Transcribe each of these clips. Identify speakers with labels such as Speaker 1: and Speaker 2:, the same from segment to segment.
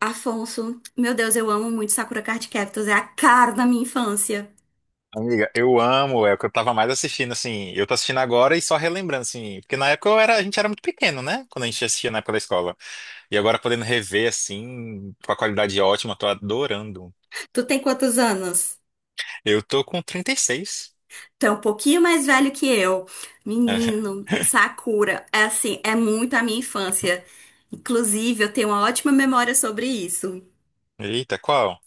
Speaker 1: Afonso, meu Deus, eu amo muito Sakura Card Captors, é a cara da minha infância.
Speaker 2: Amiga, eu amo, é o que eu tava mais assistindo, assim, eu tô assistindo agora e só relembrando, assim, porque na época a gente era muito pequeno, né? Quando a gente assistia na época da escola. E agora podendo rever, assim, com a qualidade ótima, tô adorando.
Speaker 1: Tu tem quantos anos?
Speaker 2: Eu tô com 36.
Speaker 1: Tu é um pouquinho mais velho que eu. Menino, Sakura, é assim, é muito a minha infância. Inclusive, eu tenho uma ótima memória sobre isso.
Speaker 2: Eita, qual?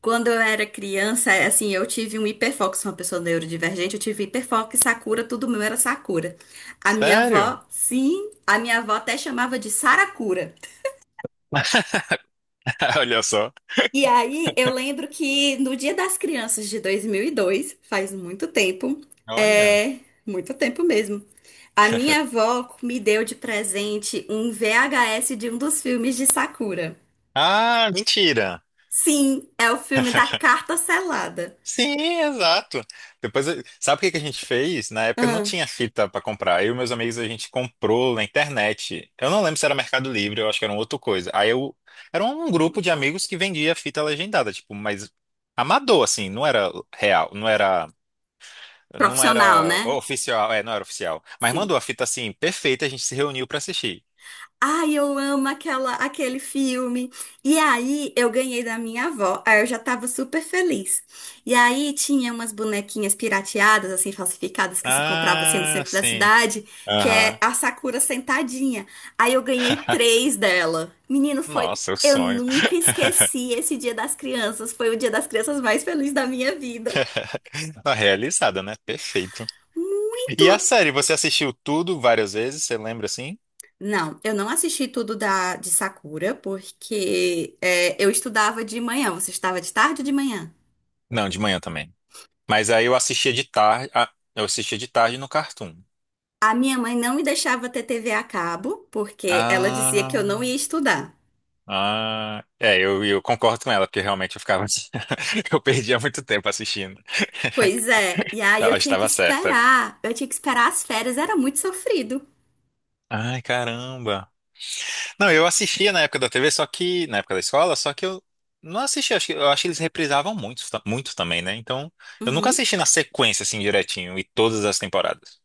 Speaker 1: Quando eu era criança, é assim, eu tive um hiperfoco, sou uma pessoa neurodivergente, eu tive hiperfoco e Sakura, tudo meu era Sakura. A minha
Speaker 2: Sério?
Speaker 1: avó, sim, a minha avó até chamava de Sarakura.
Speaker 2: Olha só.
Speaker 1: E aí, eu lembro que no Dia das Crianças de 2002, faz muito tempo,
Speaker 2: Olha.
Speaker 1: é muito tempo mesmo, a minha avó me deu de presente um VHS de um dos filmes de Sakura.
Speaker 2: Ah, mentira.
Speaker 1: Sim, é o filme da carta selada.
Speaker 2: Sim, exato. Depois, sabe o que que a gente fez? Na época não
Speaker 1: Ah,
Speaker 2: tinha fita pra comprar. Eu e meus amigos a gente comprou na internet. Eu não lembro se era Mercado Livre, eu acho que era uma outra coisa. Aí eu era um grupo de amigos que vendia fita legendada, tipo, mas amador assim, não era real, não era não
Speaker 1: profissional,
Speaker 2: era
Speaker 1: né?
Speaker 2: oficial, é, não era oficial. Mas
Speaker 1: Sim.
Speaker 2: mandou a fita assim perfeita, a gente se reuniu pra assistir.
Speaker 1: Ai, eu amo aquele filme. E aí, eu ganhei da minha avó. Aí eu já tava super feliz. E aí, tinha umas bonequinhas pirateadas, assim, falsificadas, que se comprava, assim, no
Speaker 2: Ah,
Speaker 1: centro da
Speaker 2: sim.
Speaker 1: cidade, que é
Speaker 2: Aham.
Speaker 1: a Sakura sentadinha. Aí eu ganhei três dela. Menino, foi...
Speaker 2: Nossa, é o
Speaker 1: Eu
Speaker 2: sonho.
Speaker 1: nunca esqueci esse Dia das Crianças. Foi o Dia das Crianças mais feliz da minha vida.
Speaker 2: Tá realizada, né? Perfeito.
Speaker 1: Muito.
Speaker 2: E a série, você assistiu tudo várias vezes, você lembra assim?
Speaker 1: Não, eu não assisti tudo de Sakura, porque é, eu estudava de manhã. Você estava de tarde ou de manhã?
Speaker 2: Não, de manhã também. Mas aí eu assistia de tarde no Cartoon.
Speaker 1: A minha mãe não me deixava ter TV a cabo, porque ela dizia que eu
Speaker 2: Ah,
Speaker 1: não ia estudar.
Speaker 2: ah, é, eu concordo com ela, porque realmente eu ficava, eu perdia muito tempo assistindo.
Speaker 1: Pois é, e aí eu
Speaker 2: Ela
Speaker 1: tinha que
Speaker 2: estava certa.
Speaker 1: esperar, eu tinha que esperar as férias, era muito sofrido.
Speaker 2: Ai, caramba. Não, eu assistia na época da TV, só que, na época da escola, só que eu não assistia, eu acho que eles reprisavam muito, muito também, né? Então, eu nunca
Speaker 1: Uhum.
Speaker 2: assisti na sequência, assim, direitinho, e todas as temporadas.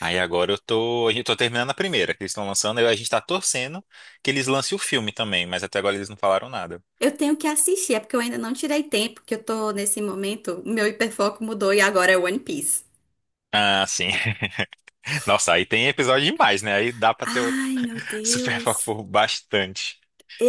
Speaker 2: Aí agora eu tô terminando a primeira que eles estão lançando, aí a gente tá torcendo que eles lancem o filme também, mas até agora eles não falaram nada.
Speaker 1: Eu tenho que assistir, é porque eu ainda não tirei tempo, que eu tô nesse momento, meu hiperfoco mudou e agora é One Piece.
Speaker 2: Ah, sim. Nossa, aí tem episódio demais, né? Aí dá pra ter outro
Speaker 1: Ai, meu
Speaker 2: super foco
Speaker 1: Deus.
Speaker 2: por bastante.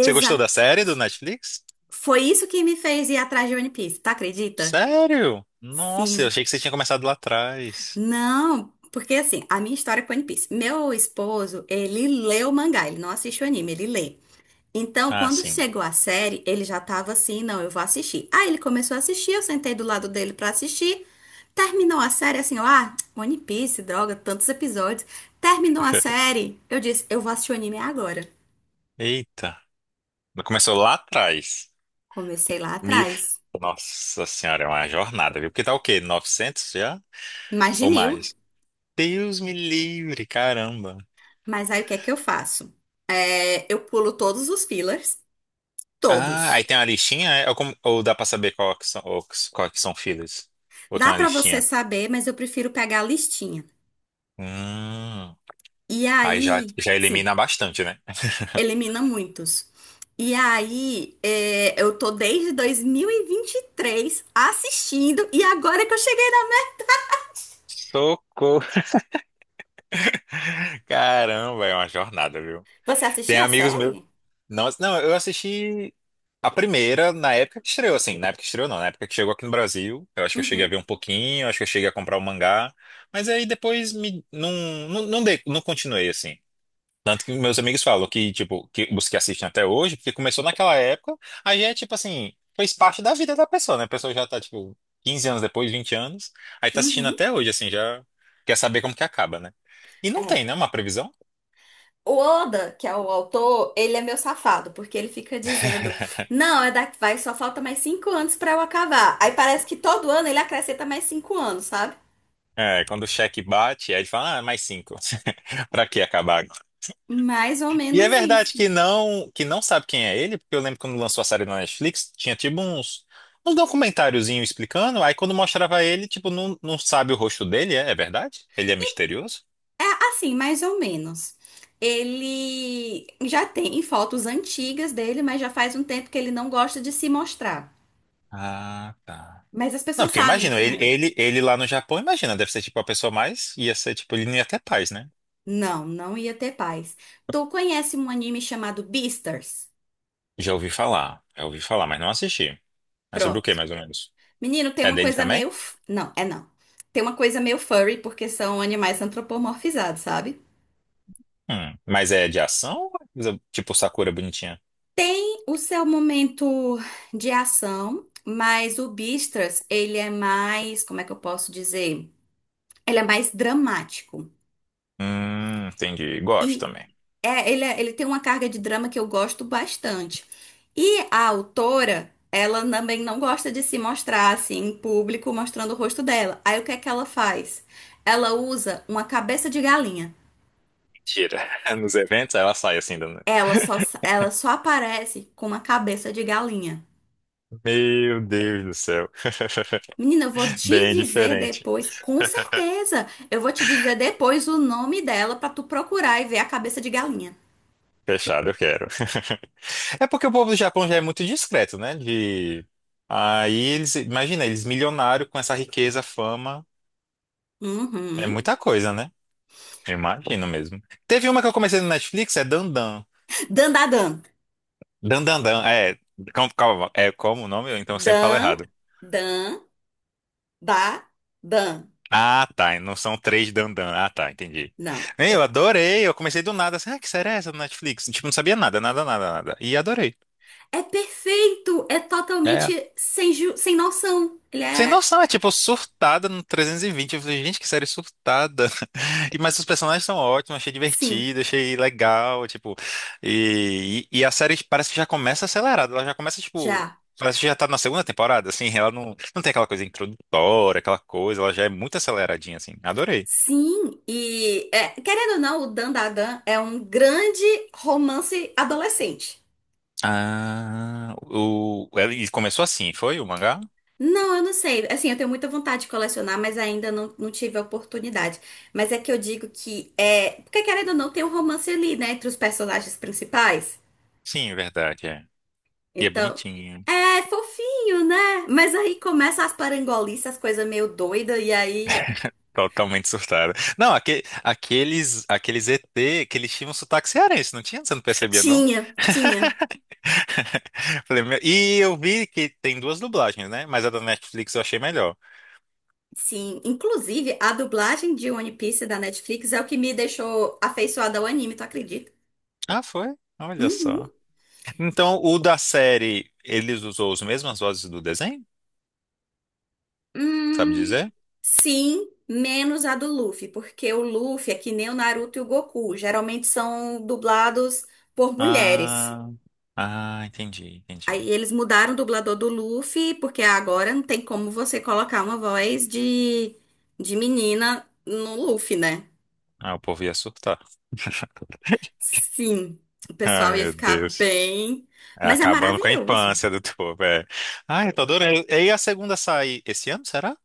Speaker 2: Você gostou da série do Netflix?
Speaker 1: Foi isso que me fez ir atrás de One Piece, tá? Acredita?
Speaker 2: Sério? Nossa, eu
Speaker 1: Sim.
Speaker 2: achei que você tinha começado lá atrás.
Speaker 1: Não, porque assim, a minha história com One Piece. Meu esposo, ele lê o mangá, ele não assiste o anime, ele lê. Então,
Speaker 2: Ah,
Speaker 1: quando
Speaker 2: sim.
Speaker 1: chegou a série, ele já tava assim, não, eu vou assistir. Aí ele começou a assistir, eu sentei do lado dele pra assistir. Terminou a série assim, ó, ah, One Piece, droga, tantos episódios. Terminou a série, eu disse, eu vou assistir o anime agora.
Speaker 2: Eita. Começou lá atrás.
Speaker 1: Comecei lá
Speaker 2: Me-
Speaker 1: atrás,
Speaker 2: Nossa senhora, é uma jornada, viu? Porque tá o quê? 900 já?
Speaker 1: mais de
Speaker 2: Ou
Speaker 1: 1.000.
Speaker 2: mais? Deus me livre, caramba.
Speaker 1: Mas aí o que é que eu faço? É, eu pulo todos os fillers,
Speaker 2: Ah, aí
Speaker 1: todos.
Speaker 2: tem uma listinha? É? Ou, ou dá pra saber qual que são, ou qual que são filhos? Ou tem
Speaker 1: Dá
Speaker 2: uma
Speaker 1: pra você
Speaker 2: listinha?
Speaker 1: saber, mas eu prefiro pegar a listinha.
Speaker 2: Hum,
Speaker 1: E
Speaker 2: aí já,
Speaker 1: aí,
Speaker 2: já
Speaker 1: sim,
Speaker 2: elimina bastante, né?
Speaker 1: elimina muitos. E aí, é, eu tô desde 2023 assistindo e agora que eu cheguei na.
Speaker 2: Socorro! Caramba, é uma jornada, viu?
Speaker 1: Você
Speaker 2: Tem
Speaker 1: assistiu a
Speaker 2: amigos meus.
Speaker 1: série?
Speaker 2: Não, não, eu assisti a primeira na época que estreou, assim. Na época que estreou, não. Na época que chegou aqui no Brasil. Eu acho que eu cheguei a
Speaker 1: Uhum,
Speaker 2: ver um pouquinho, acho que eu cheguei a comprar o mangá. Mas aí depois não, não, não, não continuei, assim. Tanto que meus amigos falam que, tipo, que os que assistem até hoje, porque começou naquela época, aí já é, tipo assim, fez parte da vida da pessoa, né? A pessoa já tá, tipo, 15 anos depois, 20 anos, aí tá assistindo
Speaker 1: uhum.
Speaker 2: até hoje, assim, já quer saber como que acaba, né? E não
Speaker 1: É.
Speaker 2: tem, né, uma previsão?
Speaker 1: O Oda, que é o autor, ele é meu safado, porque ele fica dizendo: não, é daqui, vai, só falta mais 5 anos pra eu acabar. Aí parece que todo ano ele acrescenta mais 5 anos, sabe?
Speaker 2: É, quando o cheque bate, aí ele fala, ah, é mais cinco. Pra que acabar.
Speaker 1: Mais ou
Speaker 2: E é
Speaker 1: menos
Speaker 2: verdade
Speaker 1: isso.
Speaker 2: que não sabe quem é ele, porque eu lembro quando lançou a série na Netflix, tinha tipo uns documentáriozinho explicando, aí quando mostrava ele, tipo, não, não sabe o rosto dele, é verdade? Ele é misterioso?
Speaker 1: É assim, mais ou menos. Ele já tem fotos antigas dele, mas já faz um tempo que ele não gosta de se mostrar.
Speaker 2: Ah, tá.
Speaker 1: Mas as
Speaker 2: Não,
Speaker 1: pessoas
Speaker 2: porque
Speaker 1: sabem
Speaker 2: imagina,
Speaker 1: como
Speaker 2: ele,
Speaker 1: é ele.
Speaker 2: ele, ele lá no Japão, imagina, deve ser tipo a pessoa mais, ia ser tipo, ele nem ia ter paz, né?
Speaker 1: Não, não ia ter paz. Tu conhece um anime chamado Beastars?
Speaker 2: Já ouvi falar, mas não assisti. Mas sobre o que,
Speaker 1: Pronto.
Speaker 2: mais ou menos?
Speaker 1: Menino, tem
Speaker 2: É
Speaker 1: uma
Speaker 2: dele
Speaker 1: coisa meio.
Speaker 2: também?
Speaker 1: Não, é não. Tem uma coisa meio furry, porque são animais antropomorfizados, sabe?
Speaker 2: Mas é de ação? Ou é coisa tipo Sakura bonitinha?
Speaker 1: O seu momento de ação, mas o Beastars, ele é mais. Como é que eu posso dizer? Ele é mais dramático.
Speaker 2: Entendi, gosto
Speaker 1: E
Speaker 2: também.
Speaker 1: é, ele, ele tem uma carga de drama que eu gosto bastante. E a autora, ela também não gosta de se mostrar assim em público, mostrando o rosto dela. Aí o que é que ela faz? Ela usa uma cabeça de galinha.
Speaker 2: Tira. Nos eventos, aí ela sai assim. Do...
Speaker 1: Ela só aparece com uma cabeça de galinha.
Speaker 2: Meu Deus do céu.
Speaker 1: Menina, eu vou te
Speaker 2: Bem
Speaker 1: dizer
Speaker 2: diferente.
Speaker 1: depois, com certeza. Eu vou te dizer depois o nome dela pra tu procurar e ver a cabeça de galinha.
Speaker 2: Fechado, eu quero. É porque o povo do Japão já é muito discreto, né? De... Aí eles, imagina, eles milionários com essa riqueza, fama. É
Speaker 1: Uhum.
Speaker 2: muita coisa, né? Eu imagino mesmo. Teve uma que eu comecei no Netflix, é Dandan.
Speaker 1: Dan, dan, dan.
Speaker 2: Dandandan, é. Como, calma, é como o nome? Então eu sempre falo errado.
Speaker 1: Dan, dan. Da, dan.
Speaker 2: Ah, tá. E não são três dandan. Ah, tá. Entendi.
Speaker 1: Não.
Speaker 2: Ei, eu adorei. Eu comecei do nada. Assim, que série é essa do Netflix? Tipo, não sabia nada, nada, nada, nada. E adorei.
Speaker 1: É perfeito, é
Speaker 2: É.
Speaker 1: totalmente sem, sem noção. Ele
Speaker 2: Sem
Speaker 1: é
Speaker 2: noção, é tipo surtada no 320. Eu falei, gente, que série surtada. Mas os personagens são ótimos, achei
Speaker 1: sim,
Speaker 2: divertido, achei legal, tipo. E a série parece que já começa acelerada. Ela já começa, tipo.
Speaker 1: já.
Speaker 2: Parece que já tá na segunda temporada, assim. Ela não tem aquela coisa introdutória, aquela coisa. Ela já é muito aceleradinha, assim. Adorei.
Speaker 1: Sim, e é, querendo ou não, o Dan da Dan é um grande romance adolescente.
Speaker 2: Ah, ele começou assim, foi o mangá?
Speaker 1: Não, eu não sei. Assim, eu tenho muita vontade de colecionar, mas ainda não, não tive a oportunidade. Mas é que eu digo que é. Porque querendo ou não, tem um romance ali, né? Entre os personagens principais.
Speaker 2: Sim, é verdade, é. E é
Speaker 1: Então,
Speaker 2: bonitinho.
Speaker 1: é fofinho, né? Mas aí começa as parangolices, as coisas meio doida e aí
Speaker 2: Totalmente surtada. Não, aqueles ET que eles tinham um sotaque cearense, não tinha? Você não percebia, não?
Speaker 1: tinha, tinha.
Speaker 2: Falei, e eu vi que tem duas dublagens, né? Mas a da Netflix eu achei melhor.
Speaker 1: Sim, inclusive a dublagem de One Piece da Netflix é o que me deixou afeiçoada ao anime, tu acredita?
Speaker 2: Ah, foi? Olha só.
Speaker 1: Uhum.
Speaker 2: Então, o da série, eles usou as mesmas vozes do desenho? Sabe
Speaker 1: Hum,
Speaker 2: dizer?
Speaker 1: Sim, menos a do Luffy, porque o Luffy é que nem o Naruto e o Goku, geralmente são dublados por mulheres.
Speaker 2: Ah, ah, entendi,
Speaker 1: Aí
Speaker 2: entendi.
Speaker 1: eles mudaram o dublador do Luffy, porque agora não tem como você colocar uma voz de menina no Luffy, né?
Speaker 2: Ah, o povo ia surtar.
Speaker 1: Sim, o
Speaker 2: Ai,
Speaker 1: pessoal ia
Speaker 2: meu
Speaker 1: ficar
Speaker 2: Deus.
Speaker 1: bem.
Speaker 2: É,
Speaker 1: Mas é
Speaker 2: acabando com a
Speaker 1: maravilhoso.
Speaker 2: infância do povo, é. Ah, eu tô adorando. E aí a segunda sai esse ano, será?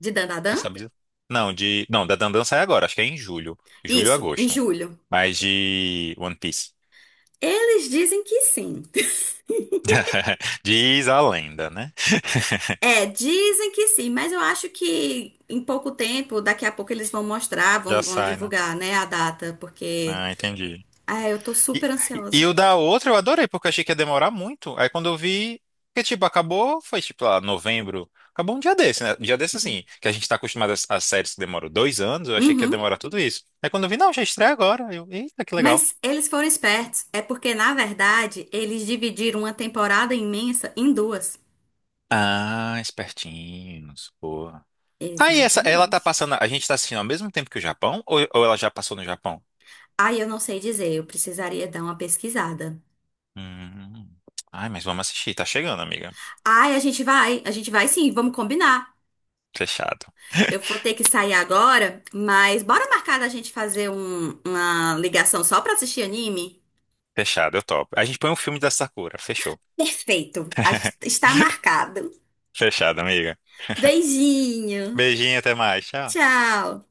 Speaker 1: De
Speaker 2: Você
Speaker 1: Dandadan?
Speaker 2: sabe? Não, não, da Dandan sai agora, acho que é em julho. Julho ou
Speaker 1: Isso, em
Speaker 2: agosto.
Speaker 1: julho.
Speaker 2: Mas de One Piece.
Speaker 1: Eles dizem que sim.
Speaker 2: Diz a lenda, né?
Speaker 1: É, dizem que sim, mas eu acho que em pouco tempo, daqui a pouco eles vão mostrar,
Speaker 2: Já
Speaker 1: vão
Speaker 2: sai, né?
Speaker 1: divulgar, né, a data, porque.
Speaker 2: Ah, entendi.
Speaker 1: Ah, eu tô
Speaker 2: E,
Speaker 1: super
Speaker 2: e
Speaker 1: ansiosa.
Speaker 2: o da outra eu adorei, porque eu achei que ia demorar muito. Aí quando eu vi, que tipo, acabou, foi tipo lá, novembro. Acabou um dia desse, né? Um dia desse assim, que a gente tá acostumado às séries que demoram 2 anos, eu achei que ia
Speaker 1: Uhum.
Speaker 2: demorar tudo isso. Aí quando eu vi, não, já estreia agora. Eu, eita, que legal.
Speaker 1: Mas eles foram espertos. É porque, na verdade, eles dividiram uma temporada imensa em duas.
Speaker 2: Ah, espertinhos, pô. Ah, e essa, ela tá
Speaker 1: Exatamente.
Speaker 2: passando, a gente tá assistindo ao mesmo tempo que o Japão, ou ela já passou no Japão?
Speaker 1: Ai, eu não sei dizer, eu precisaria dar uma pesquisada.
Speaker 2: Hum. Ai, mas vamos assistir, tá chegando, amiga.
Speaker 1: Ai, a gente vai sim, vamos combinar.
Speaker 2: Fechado.
Speaker 1: Eu vou ter que sair agora, mas bora marcar da gente fazer uma ligação só pra assistir anime?
Speaker 2: Fechado, eu topo. A gente põe um filme da Sakura, fechou.
Speaker 1: Perfeito, está marcado.
Speaker 2: Fechado, amiga.
Speaker 1: Beijinho,
Speaker 2: Beijinho, até mais. Tchau.
Speaker 1: tchau.